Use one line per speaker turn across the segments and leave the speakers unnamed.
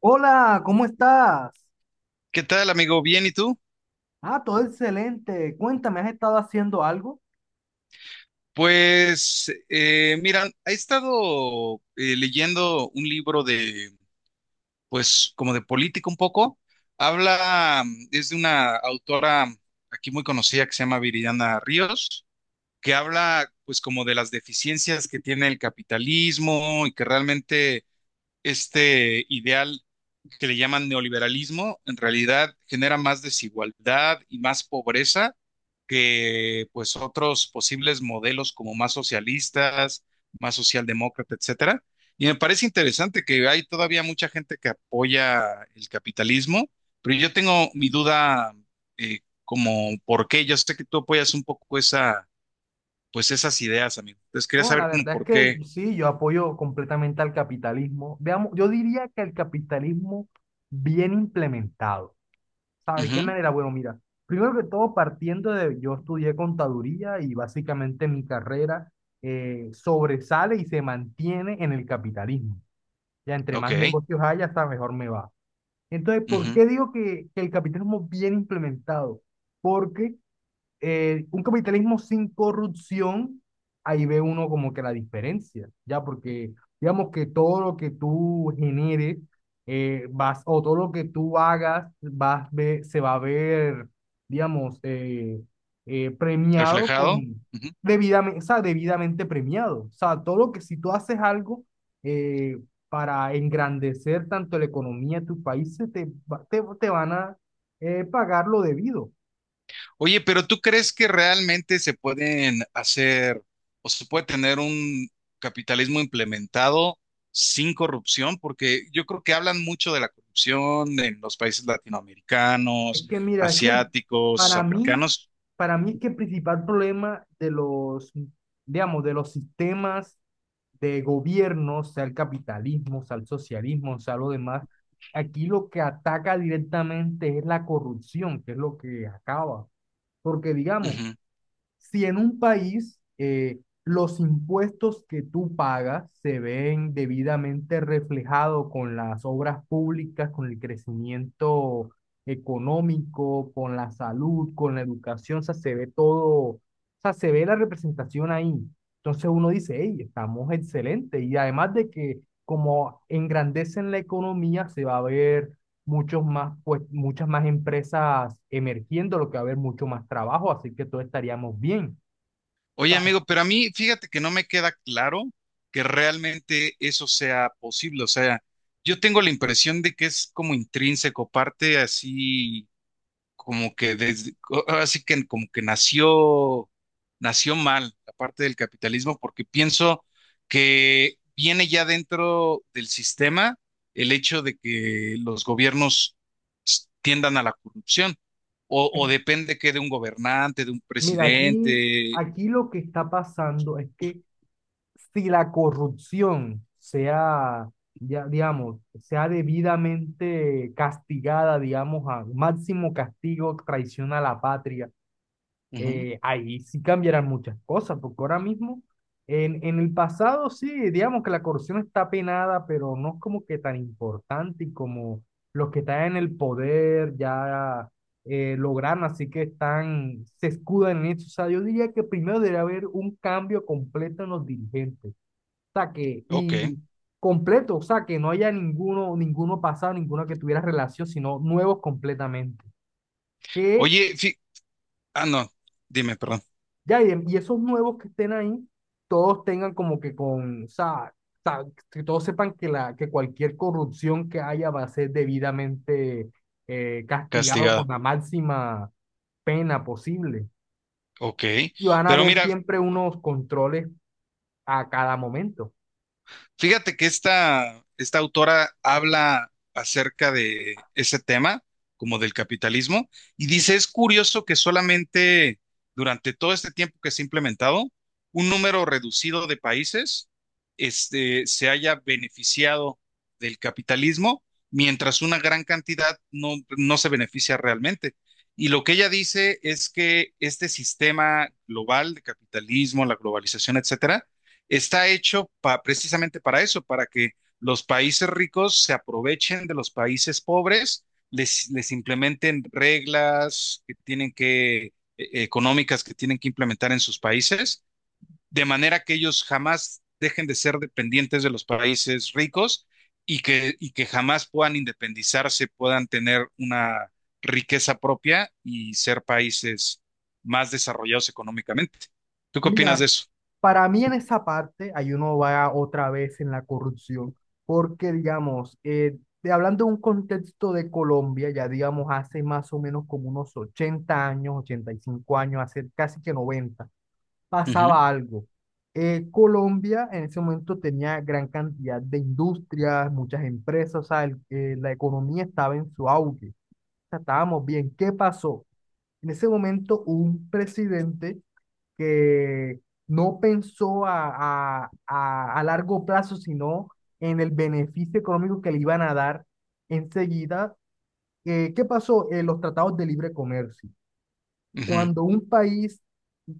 Hola, ¿cómo estás?
¿Qué tal, amigo? ¿Bien y tú?
Ah, todo excelente. Cuéntame, ¿has estado haciendo algo?
Pues, mira, he estado leyendo un libro de, pues, como de política un poco. Habla, es de una autora aquí muy conocida que se llama Viridiana Ríos, que habla, pues, como de las deficiencias que tiene el capitalismo y que realmente este ideal que le llaman neoliberalismo, en realidad genera más desigualdad y más pobreza que pues otros posibles modelos como más socialistas, más socialdemócrata, etcétera. Y me parece interesante que hay todavía mucha gente que apoya el capitalismo, pero yo tengo mi duda como por qué. Yo sé que tú apoyas un poco pues esas ideas, amigo. Entonces quería
Bueno, la
saber como
verdad
por
es
qué.
que sí, yo apoyo completamente al capitalismo. Veamos, yo diría que el capitalismo bien implementado. ¿Sabe de qué
Ujú.
manera? Bueno, mira, primero que todo, partiendo de, yo estudié contaduría y básicamente mi carrera sobresale y se mantiene en el capitalismo. Ya entre más
Ok.
negocios haya, hasta mejor me va. Entonces, ¿por
Ujú.
qué digo que el capitalismo bien implementado? Porque un capitalismo sin corrupción, ahí ve uno como que la diferencia, ya, porque digamos que todo lo que tú generes, o todo lo que tú hagas, se va a ver, digamos, premiado
Reflejado.
con,
Ujú.
debidamente, o sea, debidamente premiado. O sea, todo lo que si tú haces algo eh, para engrandecer tanto la economía de tu país, se te, va- te van a pagar lo debido.
Oye, pero ¿tú crees que realmente se pueden hacer o se puede tener un capitalismo implementado sin corrupción? Porque yo creo que hablan mucho de la corrupción en los países
Es
latinoamericanos,
que mira, es que el-
asiáticos,
Para mí,
africanos.
para mí es que el principal problema de los, digamos, de los sistemas de gobierno, sea el capitalismo, sea el socialismo, sea lo demás, aquí lo que ataca directamente es la corrupción, que es lo que acaba. Porque digamos,
Ujú.
si en un país los impuestos que tú pagas se ven debidamente reflejados con las obras públicas, con el crecimiento económico, con la salud, con la educación, o sea, se ve todo, o sea, se ve la representación ahí. Entonces uno dice, hey, estamos excelentes. Y además de que como engrandecen la economía, se va a ver muchos más, pues, muchas más empresas emergiendo, lo que va a haber mucho más trabajo, así que todos estaríamos bien. O
Oye,
sea,
amigo, pero a mí fíjate que no me queda claro que realmente eso sea posible. O sea, yo tengo la impresión de que es como intrínseco, parte así como que desde, ahora sí que como que nació, nació mal la parte del capitalismo, porque pienso que viene ya dentro del sistema el hecho de que los gobiernos tiendan a la corrupción, o
eh,
depende que de un gobernante, de un
mira,
presidente.
aquí lo que está pasando es que si la corrupción sea, ya, digamos, sea debidamente castigada, digamos, a máximo castigo, traición a la patria,
Ujú.
ahí sí cambiarán muchas cosas, porque ahora mismo, en el pasado sí, digamos que la corrupción está penada, pero no es como que tan importante y como los que están en el poder ya lograron, así que están, se escudan en eso. O sea, yo diría que primero debe haber un cambio completo en los dirigentes, o sea, que,
Ok.
y completo, o sea, que no haya ninguno, ninguno pasado, ninguno que tuviera relación, sino nuevos completamente. Que
Oye, ah, no, dime, perdón.
ya, y esos nuevos que estén ahí, todos tengan como que con, o sea, sa- que todos sepan que, que cualquier corrupción que haya va a ser debidamente castigado con
Castigada.
la máxima pena posible.
Ok,
Y van a
pero
haber
mira,
siempre unos controles a cada momento.
fíjate que esta autora habla acerca de ese tema, como del capitalismo, y dice, es curioso que solamente durante todo este tiempo que se ha implementado, un número reducido de países se haya beneficiado del capitalismo, mientras una gran cantidad no, no se beneficia realmente. Y lo que ella dice es que este sistema global de capitalismo, la globalización, etcétera, está hecho precisamente para eso, para que los países ricos se aprovechen de los países pobres, les implementen reglas que tienen que, económicas que tienen que implementar en sus países, de manera que ellos jamás dejen de ser dependientes de los países ricos y que jamás puedan independizarse, puedan tener una riqueza propia y ser países más desarrollados económicamente. ¿Tú qué opinas
Mira,
de eso?
para mí en esa parte, ahí uno va otra vez en la corrupción, porque digamos, hablando de un contexto de Colombia, ya digamos hace más o menos como unos 80 años, 85 años, hace casi que 90
Ujú,
pasaba algo. Colombia en ese momento tenía gran cantidad de industrias, muchas empresas, o sea, la economía estaba en su auge, o sea, estábamos bien. ¿Qué pasó? En ese momento hubo un presidente que no pensó a largo plazo, sino en el beneficio económico que le iban a dar enseguida. ¿Qué pasó? En los tratados de libre comercio.
ujú,
Cuando un país,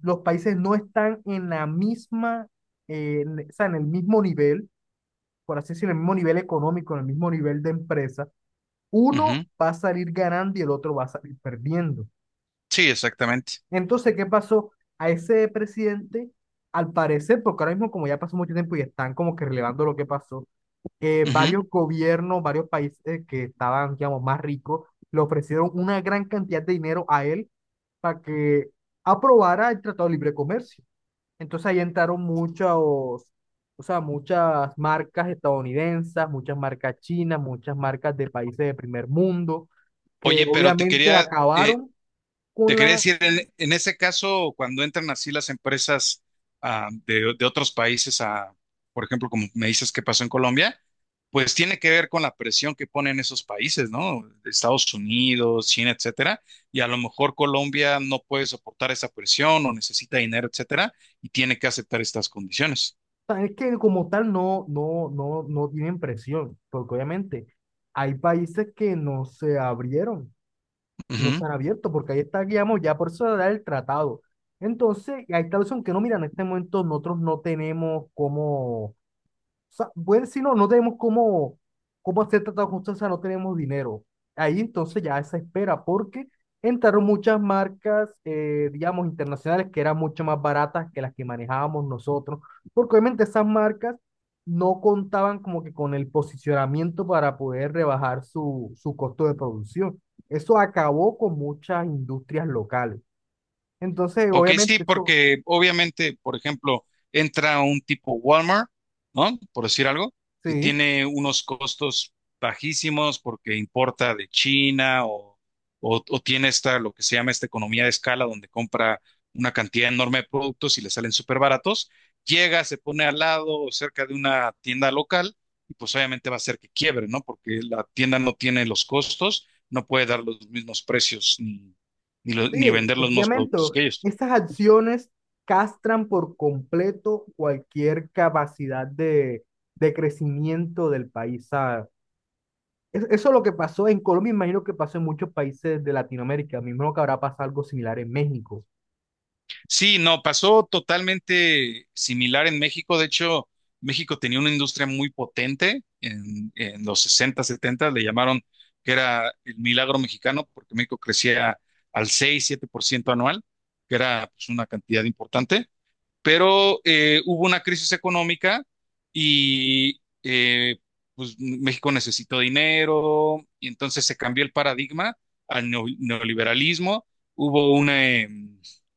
los países no están en la misma, o sea, en el mismo nivel, por así decirlo, en el mismo nivel económico, en el mismo nivel de empresa, uno
ujú.
va a salir ganando y el otro va a salir perdiendo.
Sí, exactamente.
Entonces, ¿qué pasó? A ese presidente, al parecer, porque ahora mismo como ya pasó mucho tiempo y están como que relevando lo que pasó,
Ujú.
varios gobiernos, varios países que estaban, digamos, más ricos, le ofrecieron una gran cantidad de dinero a él para que aprobara el Tratado de Libre Comercio. Entonces ahí entraron muchos, o sea, muchas marcas estadounidenses, muchas marcas chinas, muchas marcas de países de primer mundo, que
Oye, pero
obviamente
eh,
acabaron
te
con
quería
la...
decir, en ese caso, cuando entran así las empresas de otros países a, por ejemplo, como me dices que pasó en Colombia, pues tiene que ver con la presión que ponen esos países, ¿no? Estados Unidos, China, etcétera, y a lo mejor Colombia no puede soportar esa presión o necesita dinero, etcétera, y tiene que aceptar estas condiciones.
Sea, es que como tal no tienen presión, porque obviamente hay países que no se abrieron, no se
Ujú.
han abierto, porque ahí está, digamos, ya por eso da el tratado. Entonces, hay tal son que no, mira, en este momento nosotros no tenemos cómo... Sea, bueno, si no, no tenemos cómo, cómo hacer tratados con... O sea, no tenemos dinero. Ahí entonces ya esa espera, porque entraron muchas marcas, digamos, internacionales que eran mucho más baratas que las que manejábamos nosotros, porque obviamente esas marcas no contaban como que con el posicionamiento para poder rebajar su costo de producción. Eso acabó con muchas industrias locales. Entonces,
Ok, sí,
obviamente, eso,
porque obviamente, por ejemplo, entra un tipo Walmart, ¿no? Por decir algo, que
sí.
tiene unos costos bajísimos porque importa de China o, o tiene lo que se llama esta economía de escala, donde compra una cantidad enorme de productos y le salen súper baratos. Llega, se pone al lado o cerca de una tienda local y pues obviamente va a ser que quiebre, ¿no? Porque la tienda no tiene los costos, no puede dar los mismos precios ni, ni, lo-
Sí,
ni vender los mismos
efectivamente,
productos que ellos.
estas acciones castran por completo cualquier capacidad de crecimiento del país, ¿sabes? Eso es lo que pasó en Colombia, imagino que pasó en muchos países de Latinoamérica, me imagino que habrá pasado algo similar en México,
Sí, no, pasó totalmente similar en México. De hecho, México tenía una industria muy potente en los 60, 70, le llamaron que era el milagro mexicano, porque México crecía al 6, 7% anual, que era pues, una cantidad importante pero hubo una crisis económica y pues, México necesitó dinero y entonces se cambió el paradigma al neoliberalismo. Hubo una, eh,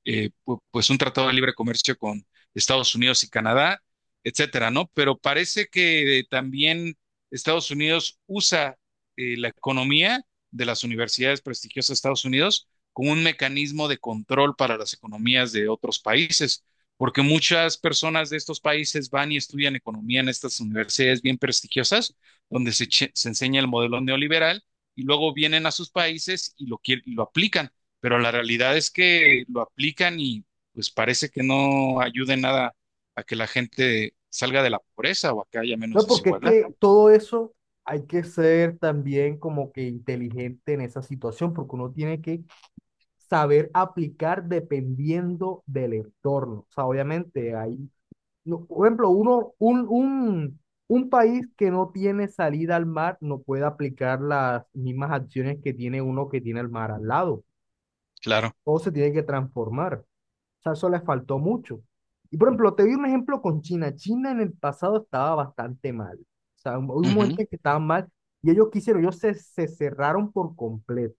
eh, pu- pues un tratado de libre comercio con Estados Unidos y Canadá, etcétera, ¿no? Pero parece que también Estados Unidos usa la economía de las universidades prestigiosas de Estados Unidos como un mecanismo de control para las economías de otros países porque muchas personas de estos países van y estudian economía en estas universidades bien prestigiosas, donde se enseña el modelo neoliberal y luego vienen a sus países y lo aplican, pero la realidad es que lo aplican y pues parece que no ayude en nada a que la gente salga de la pobreza o a que haya menos
¿no? Porque es
desigualdad.
que todo eso hay que ser también como que inteligente en esa situación, porque uno tiene que saber aplicar dependiendo del entorno. O sea, obviamente hay no, por ejemplo, un país que no tiene salida al mar no puede aplicar las mismas acciones que tiene uno que tiene el mar al lado.
Claro.
Todo se tiene que transformar. O sea, eso les faltó mucho. Y por ejemplo, te doy un ejemplo con China. China en el pasado estaba bastante mal. O sea, hubo un
Ujú.
momento en que estaban mal y ellos quisieron, ellos se, se cerraron por completo.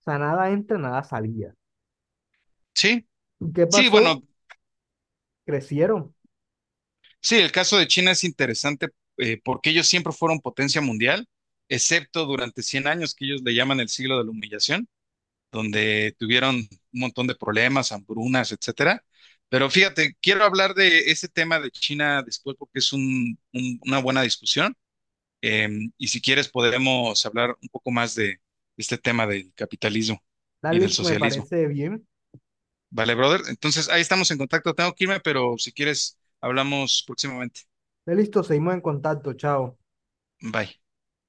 O sea, nada entra, nada salía.
Sí,
¿Y qué
sí,
pasó?
bueno.
Crecieron.
Sí, el caso de China es interesante porque ellos siempre fueron potencia mundial, excepto durante 100 años que ellos le llaman el siglo de la humillación, donde tuvieron un montón de problemas, hambrunas, etcétera. Pero fíjate, quiero hablar de ese tema de China después porque es una buena discusión. eh, y si quieres podemos hablar un poco más de este tema del capitalismo
Dale,
y del
listo, me
socialismo.
parece bien.
Vale, brother. Entonces ahí estamos en contacto. Tengo que irme, pero si quieres hablamos próximamente.
Dale, listo, seguimos en contacto. Chao.
Bye.